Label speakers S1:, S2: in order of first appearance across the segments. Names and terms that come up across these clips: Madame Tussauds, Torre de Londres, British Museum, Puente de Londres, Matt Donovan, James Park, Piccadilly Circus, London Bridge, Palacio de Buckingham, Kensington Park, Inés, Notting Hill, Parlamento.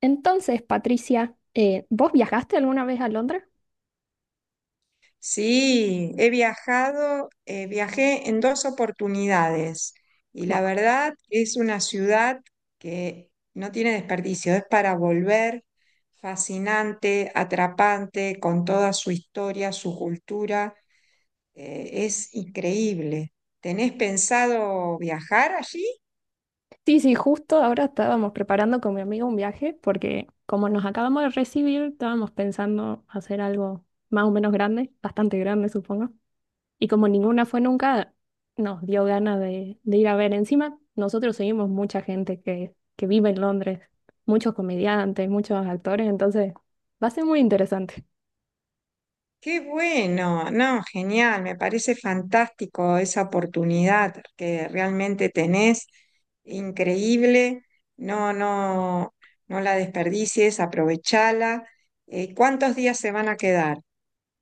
S1: Entonces, Patricia, ¿vos viajaste alguna vez a Londres?
S2: Sí, he viajado, viajé en dos oportunidades y la
S1: Wow.
S2: verdad es una ciudad que no tiene desperdicio, es para volver, fascinante, atrapante, con toda su historia, su cultura, es increíble. ¿Tenés pensado viajar allí?
S1: Sí, sí, justo ahora estábamos preparando con mi amigo un viaje porque como nos acabamos de recibir, estábamos pensando hacer algo más o menos grande, bastante grande, supongo. Y como ninguna fue nunca, nos dio ganas de ir a ver. Encima, nosotros seguimos mucha gente que vive en Londres, muchos comediantes, muchos actores, entonces va a ser muy interesante.
S2: Qué bueno, no, genial, me parece fantástico esa oportunidad que realmente tenés, increíble, no, no, no la desperdicies, aprovechala. ¿Cuántos días se van a quedar?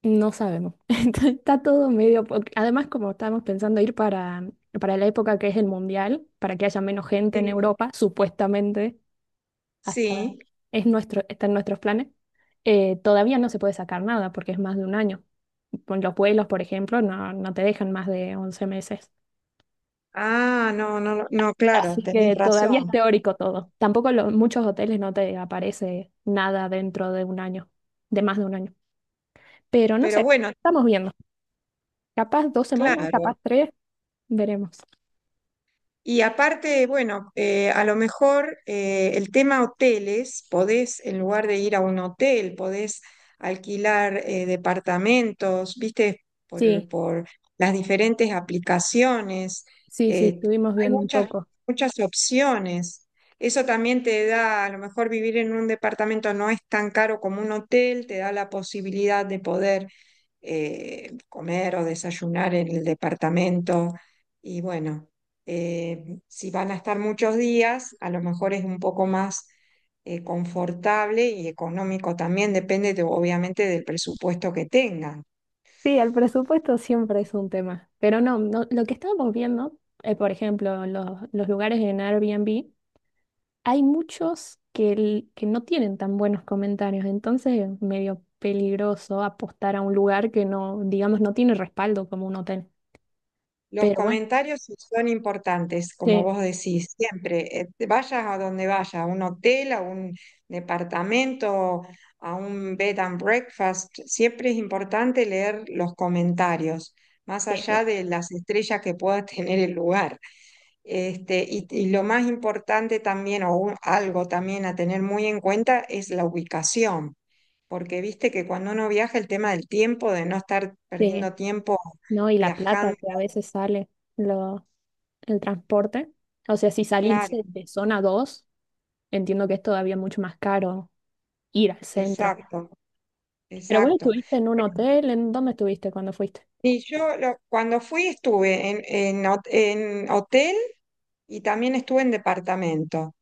S1: No sabemos. Entonces, está todo medio porque además, como estábamos pensando ir para la época que es el mundial, para que haya menos gente en
S2: Sí.
S1: Europa, supuestamente, hasta
S2: Sí,
S1: es nuestro, está en nuestros planes, todavía no se puede sacar nada porque es más de un año. Con los vuelos, por ejemplo, no, no te dejan más de 11 meses.
S2: ah, no, no, no, claro,
S1: Así
S2: tenés
S1: que todavía es
S2: razón,
S1: teórico todo. Tampoco muchos hoteles no te aparece nada dentro de un año, de más de un año. Pero no
S2: pero
S1: sé,
S2: bueno,
S1: estamos viendo. Capaz dos semanas, capaz
S2: claro.
S1: tres, veremos.
S2: Y aparte, bueno, a lo mejor el tema hoteles, podés, en lugar de ir a un hotel, podés alquilar departamentos, viste,
S1: Sí,
S2: por las diferentes aplicaciones.
S1: sí, sí,
S2: eh,
S1: estuvimos
S2: Hay
S1: viendo un
S2: muchas,
S1: poco.
S2: muchas opciones. Eso también te da, a lo mejor vivir en un departamento no es tan caro como un hotel, te da la posibilidad de poder comer o desayunar en el departamento. Y bueno, si van a estar muchos días, a lo mejor es un poco más confortable y económico también, obviamente del presupuesto que tengan.
S1: Sí, el presupuesto siempre es un tema, pero no, no, lo que estábamos viendo, por ejemplo, en los lugares en Airbnb, hay muchos que, que no tienen tan buenos comentarios, entonces es medio peligroso apostar a un lugar que no, digamos, no tiene respaldo como un hotel.
S2: Los
S1: Pero bueno,
S2: comentarios sí son importantes, como
S1: sí,
S2: vos decís, siempre, vayas a donde vayas, a un hotel, a un departamento, a un bed and breakfast, siempre es importante leer los comentarios, más
S1: sí, sí,
S2: allá de las estrellas que pueda tener el lugar. Este, y lo más importante también, algo también a tener muy en cuenta, es la ubicación, porque viste que cuando uno viaja el tema del tiempo, de no estar
S1: sí,
S2: perdiendo tiempo
S1: ¿no? Y la plata
S2: viajando,
S1: que a veces sale lo, el transporte. O sea, si salís
S2: claro.
S1: de zona 2, entiendo que es todavía mucho más caro ir al centro.
S2: Exacto,
S1: Pero vos
S2: exacto.
S1: estuviste en un
S2: Bueno,
S1: hotel, ¿en dónde estuviste cuando fuiste?
S2: Cuando fui estuve en hotel y también estuve en departamento.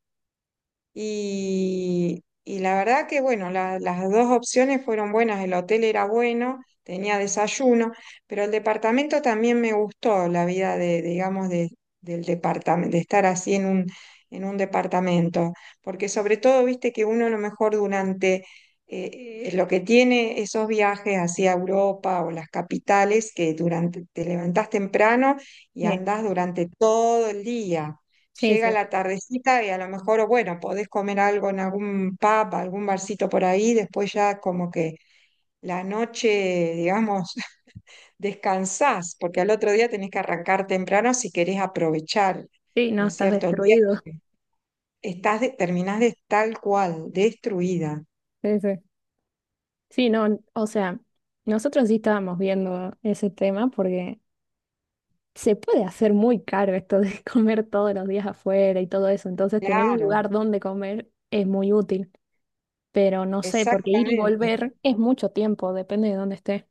S2: Y la verdad que, bueno, las dos opciones fueron buenas. El hotel era bueno, tenía desayuno, pero el departamento también me gustó, la vida de, digamos, de, del departamento, de estar así en un departamento. Porque sobre todo, viste que uno a lo mejor durante lo que tiene esos viajes hacia Europa o las capitales, que durante, te levantás temprano y
S1: Sí,
S2: andás durante todo el día,
S1: sí,
S2: llega
S1: sí.
S2: la tardecita y a lo mejor, bueno, podés comer algo en algún pub, algún barcito por ahí, después ya como que la noche, digamos, descansás, porque al otro día tenés que arrancar temprano si querés aprovechar,
S1: Sí,
S2: ¿no
S1: no,
S2: es
S1: estás
S2: cierto?, el
S1: destruido.
S2: viaje. Terminás de tal cual, destruida.
S1: Sí, sí. Sí, no, o sea, nosotros sí estábamos viendo ese tema porque se puede hacer muy caro esto de comer todos los días afuera y todo eso, entonces tener un
S2: Claro,
S1: lugar donde comer es muy útil, pero no sé, porque ir y
S2: exactamente.
S1: volver es mucho tiempo, depende de dónde esté.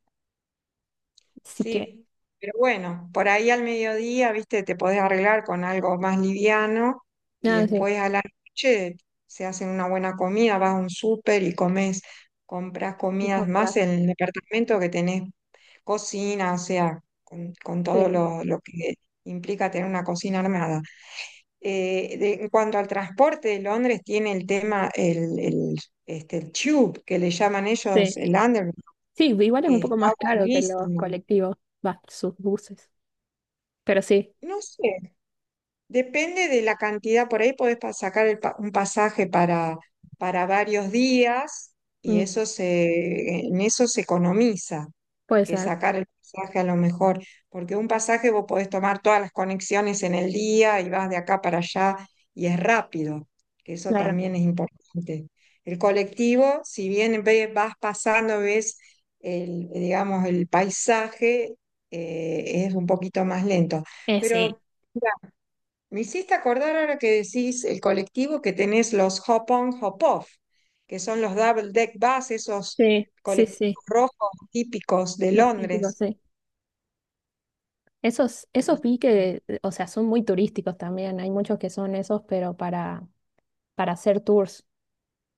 S1: Así que,
S2: Sí, pero bueno, por ahí al mediodía, viste, te podés arreglar con algo más liviano y
S1: nada, sí,
S2: después a la noche se hacen una buena comida, vas a un súper y comes, compras
S1: y
S2: comidas más
S1: comprar.
S2: en el departamento que tenés cocina, o sea, con
S1: Sí,
S2: todo
S1: sí.
S2: lo que implica tener una cocina armada. En cuanto al transporte, Londres tiene el tema, el, este, el tube, que le llaman ellos
S1: Sí.
S2: el underground,
S1: Sí, igual es un
S2: que
S1: poco
S2: está
S1: más caro que los
S2: buenísimo.
S1: colectivos, va, sus buses. Pero sí,
S2: No sé, depende de la cantidad, por ahí podés sacar un pasaje para varios días y
S1: mm,
S2: en eso se economiza,
S1: puede
S2: que
S1: ser,
S2: sacar el pasaje a lo mejor, porque un pasaje vos podés tomar todas las conexiones en el día y vas de acá para allá y es rápido, que eso
S1: claro.
S2: también es importante. El colectivo, si bien vas pasando, ves el, digamos, el paisaje, es un poquito más lento, pero...
S1: Sí,
S2: Me hiciste acordar ahora que decís el colectivo que tenés los Hop-on, Hop-off, que son los double deck bus, esos
S1: sí, sí,
S2: colectivos
S1: sí,
S2: rojos típicos de
S1: los típicos,
S2: Londres.
S1: sí. Esos, esos
S2: Así.
S1: vi que, o sea, son muy turísticos también. Hay muchos que son esos, pero para hacer tours.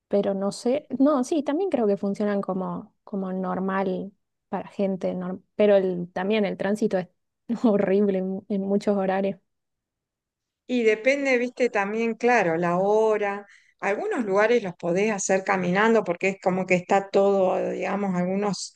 S1: Pero no sé, no, sí, también creo que funcionan como, como normal para gente, pero el, también el tránsito es horrible en muchos horarios.
S2: Y depende, viste, también, claro, la hora. Algunos lugares los podés hacer caminando porque es como que está todo, digamos, algunos,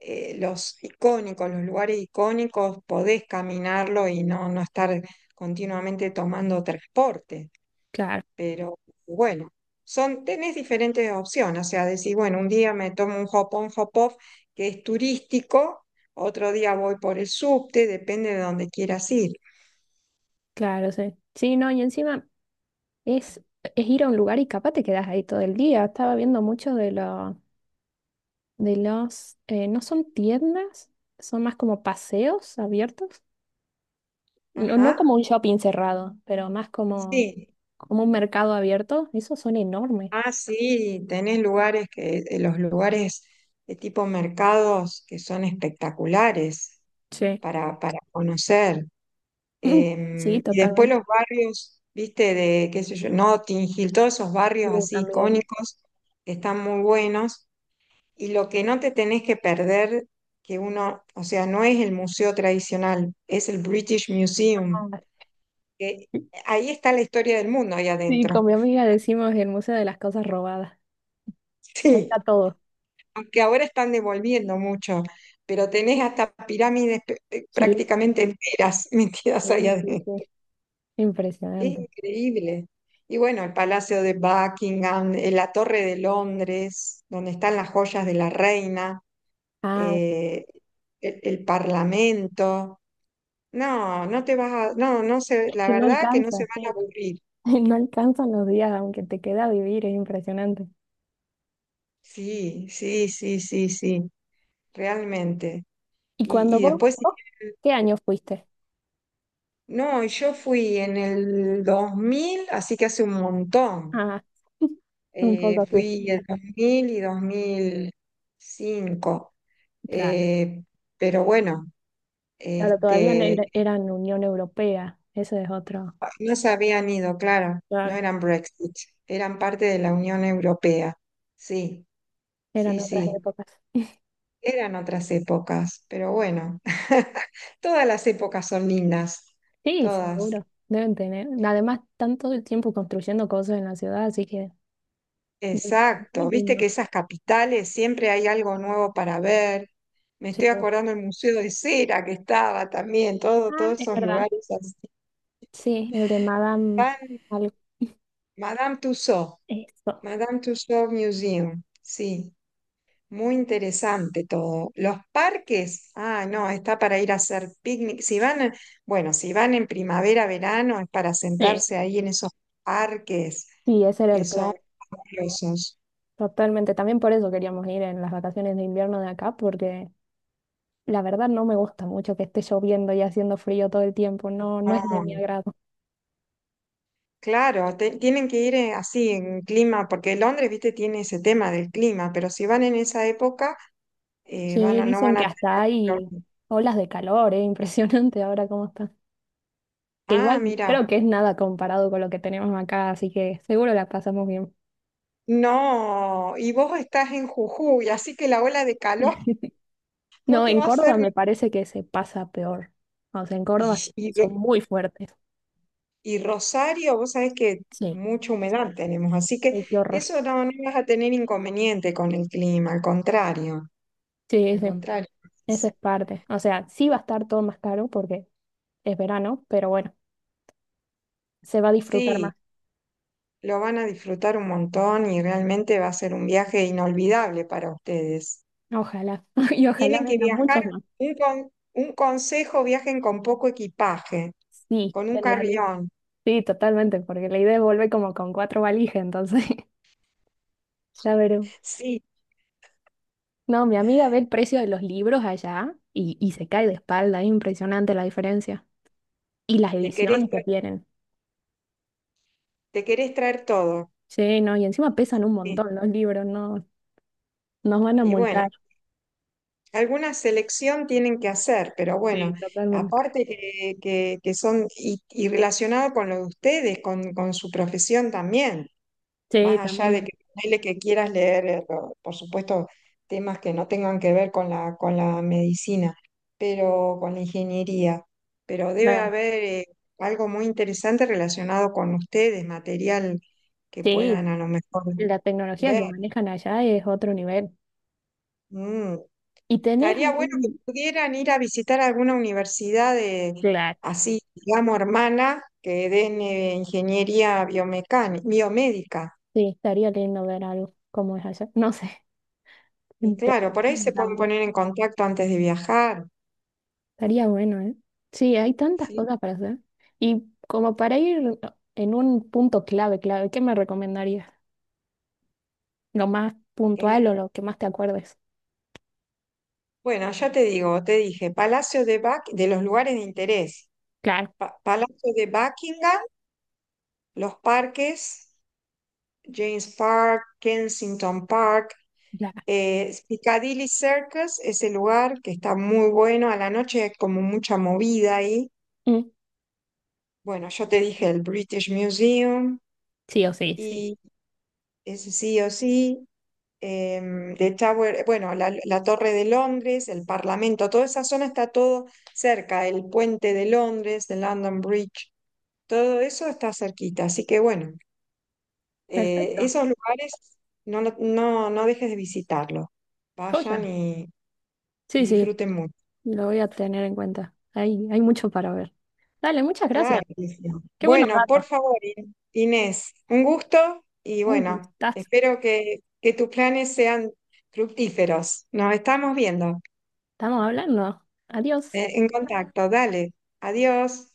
S2: los icónicos, los lugares icónicos, podés caminarlo y no, no estar continuamente tomando transporte.
S1: Claro,
S2: Pero bueno, son, tenés diferentes opciones, o sea, decir, bueno, un día me tomo un hop-on, hop-off que es turístico, otro día voy por el subte, depende de dónde quieras ir.
S1: claro, sí. Sí, no, y encima. Es, es ir a un lugar y capaz te quedas ahí todo el día. Estaba viendo muchos de no son tiendas, son más como paseos abiertos. No, no como
S2: Ajá,
S1: un shopping cerrado, pero más como,
S2: sí.
S1: como un mercado abierto. Esos son enormes.
S2: Ah, sí, tenés lugares que, los lugares de tipo mercados que son espectaculares
S1: Sí.
S2: para conocer.
S1: Sí,
S2: Y después
S1: totalmente.
S2: los barrios, viste, de, qué sé yo, Notting Hill, todos esos
S1: Sí,
S2: barrios así
S1: también.
S2: icónicos que están muy buenos. Y lo que no te tenés que perder, que uno, o sea, no es el museo tradicional, es el British Museum,
S1: Ah,
S2: que
S1: sí,
S2: ahí está la historia del mundo ahí
S1: sí,
S2: adentro.
S1: con mi amiga decimos el Museo de las Cosas Robadas. Ahí
S2: Sí,
S1: está todo.
S2: aunque ahora están devolviendo mucho, pero tenés hasta pirámides
S1: Sí,
S2: prácticamente enteras metidas allá
S1: sí, sí, sí.
S2: adentro.
S1: Impresionante.
S2: Increíble. Y bueno, el Palacio de Buckingham, la Torre de Londres, donde están las joyas de la reina,
S1: Ah,
S2: eh, el Parlamento. No, no se,
S1: es
S2: la
S1: que no
S2: verdad que no se
S1: alcanza,
S2: van a
S1: sí.
S2: aburrir.
S1: No alcanzan los días, aunque te queda vivir, es impresionante.
S2: Sí, sí, sí, sí, sí, realmente.
S1: ¿Y cuando
S2: Y después,
S1: qué año fuiste?
S2: no, y yo fui en el 2000, así que hace un montón.
S1: Ah, un poco así.
S2: Fui el 2000 y 2005.
S1: Claro,
S2: Eh, pero bueno,
S1: claro, todavía no era-
S2: este,
S1: eran Unión Europea, eso es otro.
S2: ah, no se habían ido, claro, no
S1: Claro,
S2: eran Brexit, eran parte de la Unión Europea. Sí,
S1: eran
S2: sí,
S1: otras
S2: sí,
S1: épocas.
S2: eran otras épocas, pero bueno, todas las épocas son lindas,
S1: Sí,
S2: todas.
S1: seguro, deben tener. Además, tanto el tiempo construyendo cosas en la ciudad, así que muy
S2: Exacto, viste
S1: lindo.
S2: que esas capitales siempre hay algo nuevo para ver. Me
S1: Sí.
S2: estoy acordando del Museo de Cera que estaba también, todo,
S1: Ah,
S2: todos
S1: es
S2: esos
S1: verdad.
S2: lugares así.
S1: Sí, el de Madame
S2: Tan-
S1: algo.
S2: Madame Tussauds,
S1: Eso.
S2: Madame Tussauds Museum, sí, muy interesante todo. Los parques, ah, no, está para ir a hacer picnic. Si van, bueno, si van en primavera, verano, es para
S1: Sí,
S2: sentarse ahí en esos parques
S1: sí, ese era
S2: que
S1: el plan.
S2: son fabulosos.
S1: Totalmente, también por eso queríamos ir en las vacaciones de invierno de acá, porque la verdad no me gusta mucho que esté lloviendo y haciendo frío todo el tiempo, no, no es de
S2: Ah,
S1: mi agrado.
S2: claro, tienen que ir así en clima, porque Londres, viste, tiene ese tema del clima, pero si van en esa época,
S1: Sí,
S2: no
S1: dicen
S2: van
S1: que
S2: a
S1: hasta
S2: tener...
S1: hay
S2: problema.
S1: olas de calor, es impresionante ahora cómo está. Que
S2: Ah,
S1: igual creo
S2: mira.
S1: que es nada comparado con lo que tenemos acá, así que seguro la pasamos bien.
S2: No, y vos estás en Jujuy, así que la ola de calor no
S1: No,
S2: te
S1: en
S2: va a hacer...
S1: Córdoba me parece que se pasa peor. O sea, en
S2: Y,
S1: Córdoba
S2: y,
S1: son muy fuertes.
S2: y Rosario, vos sabés que
S1: Sí.
S2: mucha humedad tenemos, así que
S1: Ay, qué horror.
S2: eso no, no vas a tener inconveniente con el clima, al contrario,
S1: Sí,
S2: al
S1: sí,
S2: contrario.
S1: esa es parte. O sea, sí va a estar todo más caro porque es verano, pero bueno, se va a disfrutar más.
S2: Sí, lo van a disfrutar un montón y realmente va a ser un viaje inolvidable para ustedes.
S1: Ojalá, y ojalá
S2: Tienen que
S1: vengan muchos
S2: viajar,
S1: más.
S2: un consejo, viajen con poco equipaje,
S1: Sí,
S2: con un
S1: en realidad.
S2: carrión.
S1: Sí, totalmente, porque la idea es volver como con cuatro valijas, entonces ya veré.
S2: Sí,
S1: No, mi amiga ve el precio de los libros allá y se cae de espalda, es impresionante la diferencia. Y las
S2: te querés,
S1: ediciones que
S2: tra-
S1: tienen.
S2: te querés traer todo.
S1: Sí, no, y encima pesan un
S2: Sí.
S1: montón los libros, no, nos van a
S2: Y bueno,
S1: multar.
S2: alguna selección tienen que hacer, pero bueno,
S1: Sí, totalmente.
S2: aparte que son y relacionado con lo de ustedes, con su profesión también,
S1: Sí,
S2: más allá de
S1: también
S2: que, ponele que quieras leer, por supuesto, temas que no tengan que ver con con la medicina, pero con la ingeniería, pero debe
S1: la,
S2: haber algo muy interesante relacionado con ustedes, material que
S1: sí,
S2: puedan a lo mejor
S1: la tecnología
S2: ver.
S1: que manejan allá es otro nivel.
S2: Mm.
S1: ¿Y tenés
S2: Estaría bueno que
S1: algún,
S2: pudieran ir a visitar alguna universidad de,
S1: claro,
S2: así, digamos, hermana, que den ingeniería biomecánica, biomédica.
S1: sí, estaría lindo ver algo como es allá. No sé,
S2: Y
S1: en
S2: claro, por ahí
S1: televisión
S2: se pueden
S1: también.
S2: poner en contacto antes de viajar,
S1: Estaría bueno, ¿eh? Sí, hay tantas
S2: ¿sí?
S1: cosas para hacer. Y como para ir en un punto clave, clave, ¿qué me recomendarías? ¿Lo más
S2: En-
S1: puntual o lo que más te acuerdes?
S2: bueno, ya te digo, te dije, Palacio de Buck, de los lugares de interés.
S1: Claro,
S2: Palacio de Buckingham, los parques, James Park, Kensington Park,
S1: claro.
S2: Piccadilly Circus es el lugar que está muy bueno. A la noche hay como mucha movida ahí.
S1: Mm,
S2: Bueno, yo te dije el British Museum
S1: sí o sí, sí.
S2: y ese sí o sí. The Tower, bueno, la Torre de Londres, el Parlamento, toda esa zona está todo cerca. El Puente de Londres, el London Bridge, todo eso está cerquita. Así que bueno,
S1: Perfecto.
S2: esos lugares no dejes de visitarlos. Vayan
S1: Joya. Sí,
S2: y
S1: sí,
S2: disfruten mucho.
S1: lo voy a tener en cuenta. Hay mucho para ver. Dale, muchas gracias.
S2: Claro. Que sí.
S1: Qué buenos
S2: Bueno, por
S1: datos.
S2: favor, Inés, un gusto y
S1: Un
S2: bueno,
S1: gustazo.
S2: espero que tus planes sean fructíferos. Nos estamos viendo
S1: Estamos hablando. Adiós.
S2: en contacto. Dale, adiós.